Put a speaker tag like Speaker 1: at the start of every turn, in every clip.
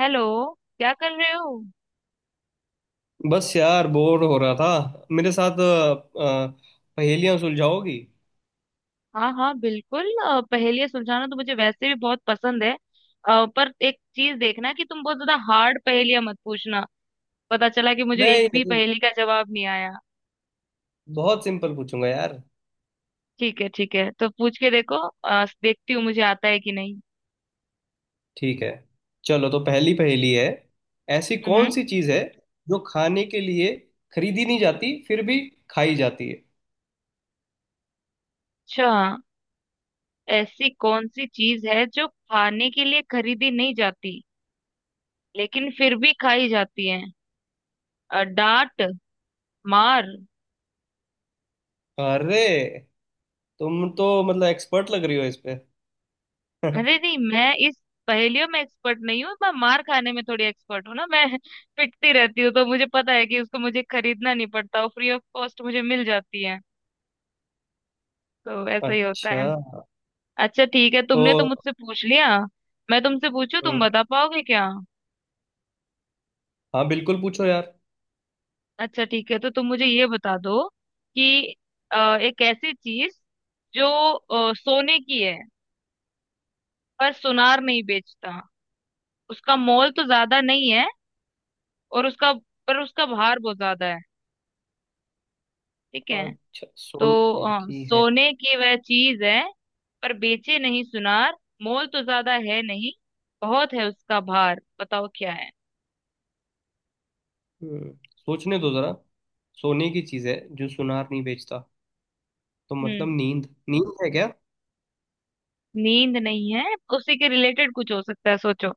Speaker 1: Hello. क्या कर रहे हो?
Speaker 2: बस यार बोर हो रहा था मेरे साथ। पहेलियां सुलझाओगी?
Speaker 1: हाँ हाँ बिल्कुल, पहेलियाँ सुलझाना तो मुझे वैसे भी बहुत पसंद है। पर एक चीज देखना कि तुम बहुत ज्यादा हार्ड पहेलियाँ मत पूछना। पता चला कि मुझे
Speaker 2: नहीं
Speaker 1: एक भी
Speaker 2: नहीं
Speaker 1: पहेली का जवाब नहीं आया।
Speaker 2: बहुत सिंपल पूछूंगा यार।
Speaker 1: ठीक है ठीक है, तो पूछ के देखो। देखती हूँ मुझे आता है कि नहीं।
Speaker 2: ठीक है, चलो तो पहली पहेली है। ऐसी कौन
Speaker 1: हम्म।
Speaker 2: सी चीज है जो खाने के लिए खरीदी नहीं जाती, फिर भी खाई जाती है?
Speaker 1: अच्छा, ऐसी कौन सी चीज है जो खाने के लिए खरीदी नहीं जाती लेकिन फिर भी खाई जाती है? डांट। मार।
Speaker 2: अरे, तुम तो मतलब एक्सपर्ट लग रही हो इस पे।
Speaker 1: अरे नहीं, मैं इस पहेलियों में एक्सपर्ट नहीं हूँ। मैं मार खाने में थोड़ी एक्सपर्ट हूँ ना। मैं पिटती रहती हूँ, तो मुझे पता है कि उसको मुझे खरीदना नहीं पड़ता, वो फ्री ऑफ कॉस्ट मुझे मिल जाती है। तो ऐसा ही होता
Speaker 2: अच्छा,
Speaker 1: है। अच्छा ठीक है,
Speaker 2: तो
Speaker 1: तुमने तो मुझसे पूछ लिया। मैं तुमसे पूछू तुम
Speaker 2: हम्म,
Speaker 1: बता पाओगे क्या?
Speaker 2: हाँ बिल्कुल पूछो यार।
Speaker 1: अच्छा ठीक है, तो तुम मुझे ये बता दो कि एक ऐसी चीज जो सोने की है, पर सुनार नहीं बेचता। उसका मोल तो ज्यादा नहीं है, और उसका भार बहुत ज्यादा है। ठीक है?
Speaker 2: अच्छा,
Speaker 1: तो
Speaker 2: सोने की है।
Speaker 1: सोने की वह चीज है, पर बेचे नहीं सुनार। मोल तो ज्यादा है नहीं, बहुत है उसका भार। बताओ क्या है?
Speaker 2: हम्म, सोचने दो जरा। सोने की चीज है जो सुनार नहीं बेचता, तो मतलब
Speaker 1: हम्म।
Speaker 2: नींद नींद है क्या?
Speaker 1: नींद नहीं है। उसी के रिलेटेड कुछ हो सकता है, सोचो।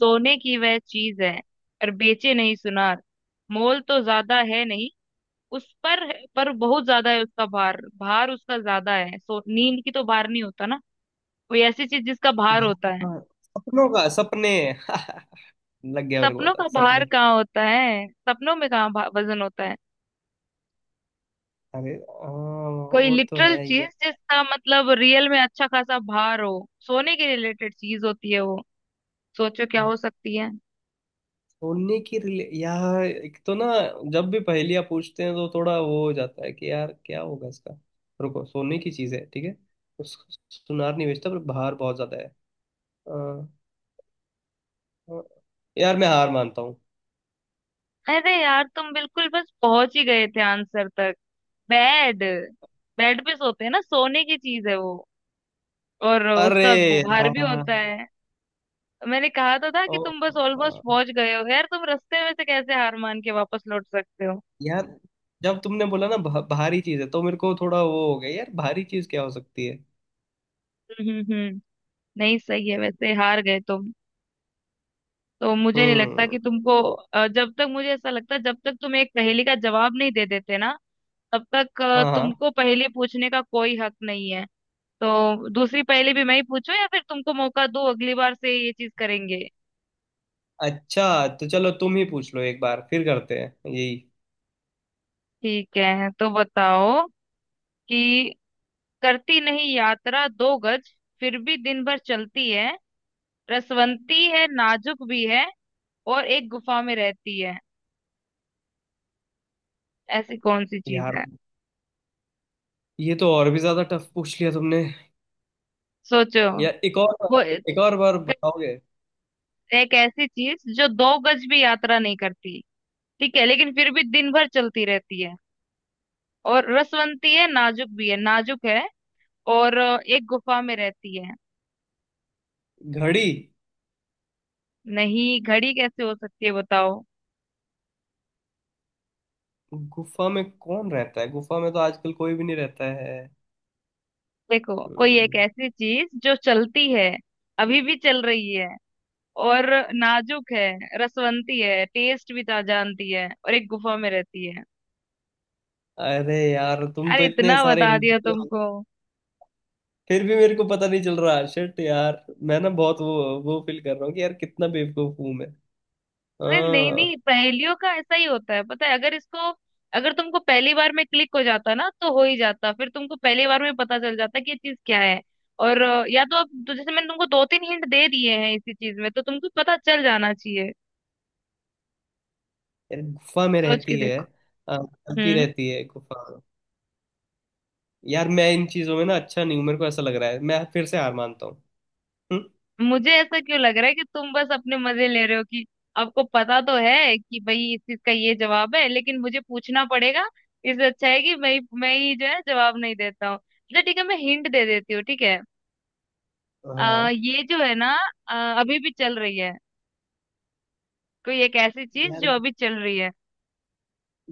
Speaker 1: सोने की वह चीज है, पर बेचे नहीं सुनार। मोल तो ज्यादा है नहीं, उस पर बहुत ज्यादा है उसका भार। भार उसका ज्यादा है, सो नींद की तो भार नहीं होता ना। कोई ऐसी चीज जिसका भार होता
Speaker 2: भाई,
Speaker 1: है।
Speaker 2: हाँ, सपनों का, सपने। लग गया, मेरे को
Speaker 1: सपनों
Speaker 2: पता,
Speaker 1: का भार
Speaker 2: सपने।
Speaker 1: कहाँ होता है? सपनों में कहाँ वजन होता है?
Speaker 2: अरे
Speaker 1: कोई
Speaker 2: वो तो
Speaker 1: लिटरल
Speaker 2: है
Speaker 1: चीज
Speaker 2: यार।
Speaker 1: जिसका मतलब रियल में अच्छा खासा भार हो, सोने के रिलेटेड चीज होती है वो। सोचो क्या हो सकती है।
Speaker 2: सोने की रिले यार, एक तो ना, जब भी पहेलियां पूछते हैं तो थोड़ा वो हो जाता है कि यार क्या होगा इसका। रुको, सोने की चीज है, ठीक है। उस सुनार नहीं बेचता, पर बाहर बहुत ज्यादा है। आ, आ, यार मैं हार मानता हूँ।
Speaker 1: अरे यार, तुम बिल्कुल बस पहुंच ही गए थे आंसर तक। बेड। बेड पे सोते हैं ना, सोने की चीज है वो, और
Speaker 2: अरे
Speaker 1: उसका भार भी होता
Speaker 2: हाँ।
Speaker 1: है। मैंने कहा तो था कि
Speaker 2: ओ,
Speaker 1: तुम बस ऑलमोस्ट
Speaker 2: हाँ
Speaker 1: पहुंच गए हो यार, तुम रास्ते में से कैसे हार मान के वापस लौट सकते हो?
Speaker 2: यार, जब तुमने बोला ना भारी चीज है, तो मेरे को थोड़ा वो हो गया, यार भारी चीज क्या हो सकती है।
Speaker 1: हम्म। नहीं, सही है वैसे, हार गए तुम। तो मुझे नहीं लगता
Speaker 2: हम्म।
Speaker 1: कि तुमको, जब तक मुझे ऐसा लगता है, जब तक तुम एक पहेली का जवाब नहीं दे देते ना, तब तक
Speaker 2: हाँ हाँ।
Speaker 1: तुमको पहेली पूछने का कोई हक नहीं है। तो दूसरी पहेली भी मैं ही पूछूं या फिर तुमको मौका दूं? अगली बार से ये चीज करेंगे।
Speaker 2: अच्छा, तो चलो तुम ही पूछ लो, एक बार फिर करते हैं यही।
Speaker 1: ठीक है, तो बताओ कि करती नहीं यात्रा दो गज, फिर भी दिन भर चलती है, रसवंती है, नाजुक भी है, और एक गुफा में रहती है। ऐसी कौन सी चीज
Speaker 2: यार
Speaker 1: है?
Speaker 2: ये तो और भी ज्यादा टफ पूछ लिया तुमने।
Speaker 1: सोचो।
Speaker 2: यार एक और बार,
Speaker 1: वो
Speaker 2: एक और बार बताओगे?
Speaker 1: एक ऐसी चीज जो दो गज भी यात्रा नहीं करती, ठीक है, लेकिन फिर भी दिन भर चलती रहती है, और रसवंती है, नाजुक भी है, नाजुक है, और एक गुफा में रहती है।
Speaker 2: घड़ी।
Speaker 1: नहीं, घड़ी कैसे हो सकती है? बताओ।
Speaker 2: गुफा में कौन रहता है, गुफा में तो आजकल कोई भी नहीं रहता है।
Speaker 1: देखो, कोई एक
Speaker 2: हम्म,
Speaker 1: ऐसी चीज जो चलती है, अभी भी चल रही है, और नाजुक है, रसवंती है, जानती है, और एक गुफा में रहती है।
Speaker 2: अरे यार तुम
Speaker 1: अरे
Speaker 2: तो इतने
Speaker 1: इतना
Speaker 2: सारे
Speaker 1: बता
Speaker 2: हिंट
Speaker 1: दिया
Speaker 2: दिए।
Speaker 1: तुमको।
Speaker 2: फिर भी मेरे को पता नहीं चल रहा, शिट यार। मैं ना बहुत वो फील कर रहा हूँ कि यार कितना बेवकूफ हूँ मैं।
Speaker 1: अरे नहीं
Speaker 2: हाँ।
Speaker 1: नहीं, पहेलियों का ऐसा ही होता है, पता है? अगर इसको, अगर तुमको पहली बार में क्लिक हो जाता ना, तो हो ही जाता, फिर तुमको पहली बार में पता चल जाता कि ये चीज क्या है। और या तो अब तो जैसे मैंने तुमको दो तीन हिंट दे दिए हैं इसी चीज में, तो तुमको पता चल जाना चाहिए।
Speaker 2: यार गुफा में
Speaker 1: सोच के
Speaker 2: रहती है।
Speaker 1: देखो।
Speaker 2: हाँ, चलती
Speaker 1: हम्म।
Speaker 2: रहती है गुफा में। यार मैं इन चीजों में ना अच्छा नहीं हूँ, मेरे को ऐसा लग रहा है, मैं फिर से हार मानता हूँ। हम्म?
Speaker 1: मुझे ऐसा क्यों लग रहा है कि तुम बस अपने मजे ले रहे हो कि आपको पता तो है कि भाई इस चीज का ये जवाब है लेकिन मुझे पूछना पड़ेगा। इससे अच्छा है कि मैं ही जो है जवाब नहीं देता हूँ। अच्छा ठीक है, मैं हिंट दे देती हूँ, ठीक है।
Speaker 2: हाँ।
Speaker 1: ये जो है ना, अ, अभी भी चल रही है, कोई एक ऐसी चीज
Speaker 2: यार
Speaker 1: जो अभी चल रही है।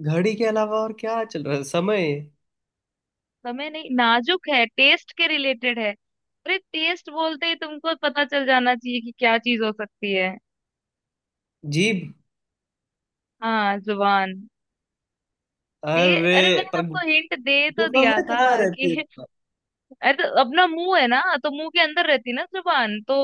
Speaker 2: घड़ी के अलावा और क्या चल रहा है, समय?
Speaker 1: समय नहीं। नाजुक है, टेस्ट के रिलेटेड है। अरे टेस्ट बोलते ही तुमको पता चल जाना चाहिए कि क्या चीज हो सकती है।
Speaker 2: जीभ।
Speaker 1: हाँ, जुबान।
Speaker 2: अरे,
Speaker 1: अरे मैंने
Speaker 2: पर
Speaker 1: आपको हिंट दे तो
Speaker 2: गुफा
Speaker 1: दिया
Speaker 2: में
Speaker 1: था
Speaker 2: कहाँ रहती है
Speaker 1: कि
Speaker 2: गुफा?
Speaker 1: अरे तो अपना मुंह है ना, तो मुंह के अंदर रहती है ना जुबान तो।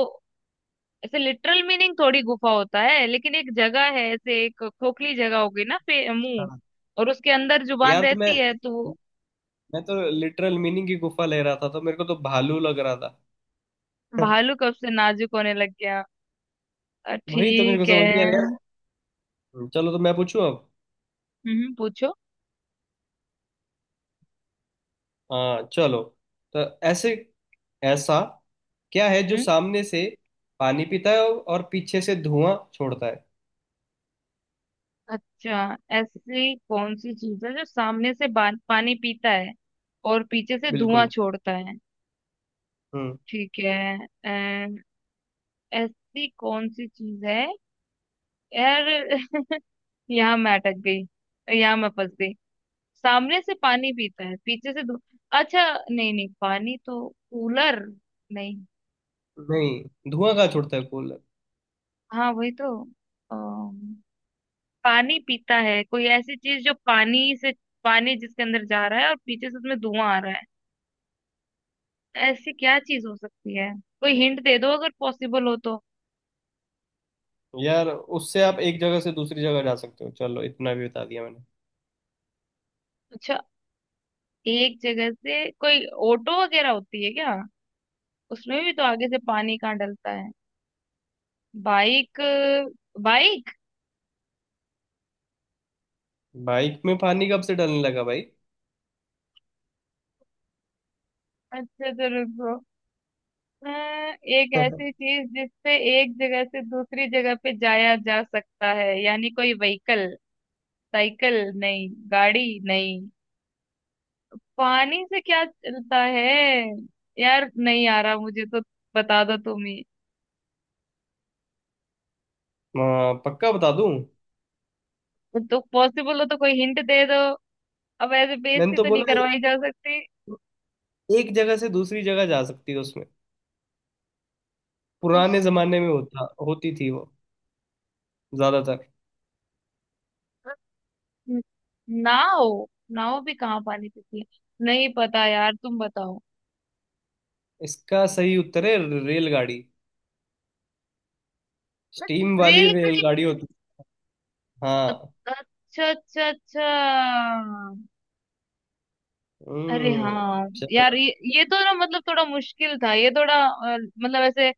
Speaker 1: ऐसे लिटरल मीनिंग थोड़ी गुफा होता है, लेकिन एक जगह है, ऐसे एक खोखली जगह होगी ना, मुंह,
Speaker 2: हाँ।
Speaker 1: और उसके अंदर जुबान
Speaker 2: यार तो मैं
Speaker 1: रहती है तो।
Speaker 2: मैं तो लिटरल मीनिंग की गुफा ले रहा था, तो मेरे को तो भालू लग रहा था।
Speaker 1: भालू कब से नाजुक होने लग गया?
Speaker 2: वही तो मेरे को
Speaker 1: ठीक
Speaker 2: समझ नहीं आ रहा
Speaker 1: है।
Speaker 2: यार। चलो तो मैं पूछूं अब।
Speaker 1: हम्म, पूछो।
Speaker 2: हाँ चलो। तो ऐसे ऐसा क्या है जो
Speaker 1: हम्म।
Speaker 2: सामने से पानी पीता है और पीछे से धुआं छोड़ता है?
Speaker 1: अच्छा, ऐसी कौन सी चीज है जो सामने से पानी पीता है और पीछे से धुआं
Speaker 2: बिल्कुल।
Speaker 1: छोड़ता है?
Speaker 2: हम्म।
Speaker 1: ठीक है। अ, ऐसी कौन सी चीज है? यार यहाँ मैं अटक गई, यहाँ मैं फंस गई। सामने से पानी पीता है, पीछे से धु... अच्छा। नहीं नहीं, पानी तो कूलर। नहीं।
Speaker 2: नहीं, धुआं कहाँ छोड़ता है कूलर।
Speaker 1: हाँ वही तो, पानी पीता है। कोई ऐसी चीज जो पानी से, पानी जिसके अंदर जा रहा है और पीछे से उसमें धुआं आ रहा है। ऐसी क्या चीज हो सकती है? कोई हिंट दे दो अगर पॉसिबल हो तो।
Speaker 2: यार, उससे आप एक जगह से दूसरी जगह जा सकते हो, चलो इतना भी बता दिया मैंने।
Speaker 1: अच्छा, एक जगह से कोई ऑटो वगैरह होती है क्या? उसमें भी तो आगे से पानी कहाँ डलता है। बाइक। बाइक।
Speaker 2: बाइक में पानी कब से डालने लगा भाई?
Speaker 1: अच्छा तो रुको। एक ऐसी चीज जिससे एक जगह से दूसरी जगह पे जाया जा सकता है, यानी कोई व्हीकल। साइकिल नहीं, गाड़ी नहीं। पानी से क्या चलता है? यार नहीं आ रहा मुझे तो, बता दो तुम ही।
Speaker 2: पक्का बता दूं।
Speaker 1: तो पॉसिबल हो तो कोई हिंट दे दो, अब ऐसे
Speaker 2: मैंने
Speaker 1: बेइज्जती
Speaker 2: तो
Speaker 1: तो नहीं
Speaker 2: बोला
Speaker 1: करवाई जा सकती।
Speaker 2: एक जगह से दूसरी जगह जा सकती है उसमें, पुराने
Speaker 1: उस
Speaker 2: जमाने में होता होती थी वो ज्यादातर।
Speaker 1: नाव। नाव भी कहाँ पानी पीती है? नहीं पता यार, तुम बताओ।
Speaker 2: इसका सही उत्तर है रेलगाड़ी, स्टीम वाली
Speaker 1: रेलगाड़ी।
Speaker 2: रेलगाड़ी होती है। हाँ।
Speaker 1: अच्छा अच्छा अच्छा। अरे हाँ। यार
Speaker 2: चलो।
Speaker 1: ये तो ना मतलब थोड़ा मुश्किल था, ये थोड़ा मतलब ऐसे,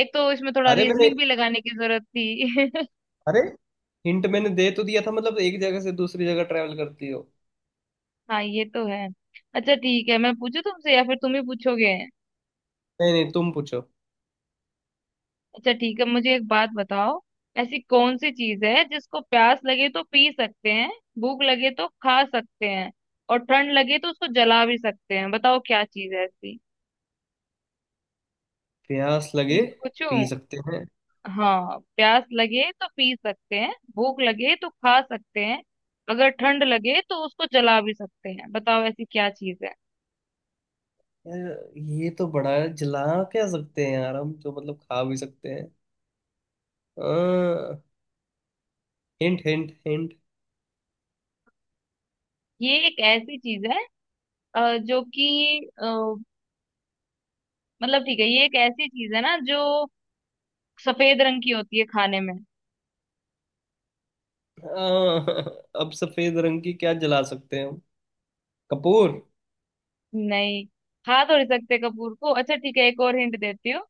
Speaker 1: एक तो इसमें थोड़ा
Speaker 2: अरे मैंने,
Speaker 1: रीजनिंग भी लगाने की जरूरत थी।
Speaker 2: अरे हिंट मैंने दे तो दिया था, मतलब एक जगह से दूसरी जगह ट्रैवल करती हो।
Speaker 1: हाँ ये तो है। अच्छा ठीक है, मैं पूछू तुमसे या फिर तुम ही पूछोगे?
Speaker 2: नहीं नहीं, तुम पूछो।
Speaker 1: अच्छा ठीक है, मुझे एक बात बताओ। ऐसी कौन सी चीज है जिसको प्यास लगे तो पी सकते हैं, भूख लगे तो खा सकते हैं, और ठंड लगे तो उसको जला भी सकते हैं? बताओ क्या चीज है ऐसी।
Speaker 2: प्यास
Speaker 1: फिर
Speaker 2: लगे,
Speaker 1: से पूछू?
Speaker 2: पी सकते हैं।
Speaker 1: हाँ, प्यास लगे तो पी सकते हैं, भूख लगे तो खा सकते हैं, अगर ठंड लगे तो उसको जला भी सकते हैं। बताओ ऐसी क्या चीज है।
Speaker 2: यार ये तो बड़ा है, जला क्या सकते हैं यार, हम तो मतलब खा भी सकते हैं। आ, हिंट हिंट हिंट।
Speaker 1: ये एक ऐसी चीज है जो कि मतलब, ठीक है, ये एक ऐसी चीज है ना जो सफेद रंग की होती है खाने में।
Speaker 2: आ, अब सफेद रंग की क्या जला सकते हैं हम, कपूर?
Speaker 1: नहीं, खा तो नहीं सकते कपूर को। अच्छा ठीक है, एक और हिंट देती हूँ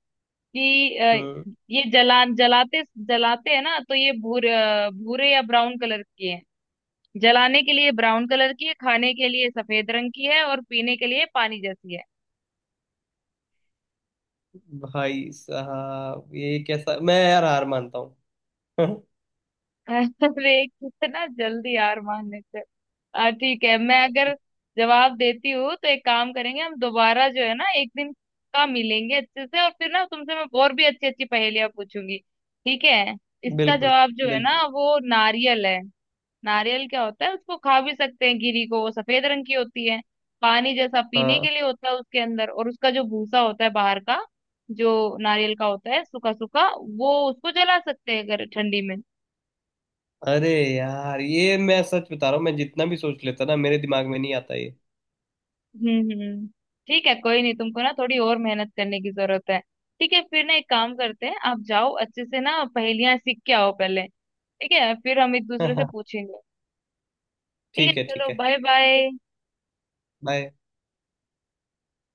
Speaker 1: कि
Speaker 2: हम्म।
Speaker 1: ये जलाते हैं ना, तो ये भूरे भूरे या ब्राउन कलर की है। जलाने के लिए ब्राउन कलर की है, खाने के लिए सफेद रंग की है, और पीने के लिए पानी जैसी है।
Speaker 2: भाई साहब ये कैसा, मैं यार हार मानता हूँ।
Speaker 1: अरे कितना जल्दी हार मान लेते हो। ठीक है। मैं अगर जवाब देती हूँ तो एक काम करेंगे, हम दोबारा जो है ना एक दिन का मिलेंगे अच्छे से, और फिर ना तुमसे मैं और भी अच्छी अच्छी पहेलियां पूछूंगी, ठीक है? इसका
Speaker 2: बिल्कुल,
Speaker 1: जवाब जो है ना,
Speaker 2: बिल्कुल।
Speaker 1: वो नारियल है। नारियल क्या होता है, उसको खा भी सकते हैं, गिरी को, वो सफेद रंग की होती है। पानी जैसा पीने
Speaker 2: हाँ।
Speaker 1: के लिए होता है उसके अंदर, और उसका जो भूसा होता है बाहर का, जो नारियल का होता है, सूखा सूखा, वो उसको जला सकते हैं अगर ठंडी में।
Speaker 2: अरे यार, ये मैं सच बता रहा हूँ, मैं जितना भी सोच लेता ना, मेरे दिमाग में नहीं आता ये।
Speaker 1: हम्म। ठीक है, कोई नहीं, तुमको ना थोड़ी और मेहनत करने की जरूरत है। ठीक है, फिर ना एक काम करते हैं, आप जाओ अच्छे से ना पहेलियां सीख के आओ पहले, ठीक है, फिर हम एक दूसरे से पूछेंगे। ठीक है,
Speaker 2: ठीक है,
Speaker 1: चलो
Speaker 2: ठीक है।
Speaker 1: Bye bye.
Speaker 2: बाय।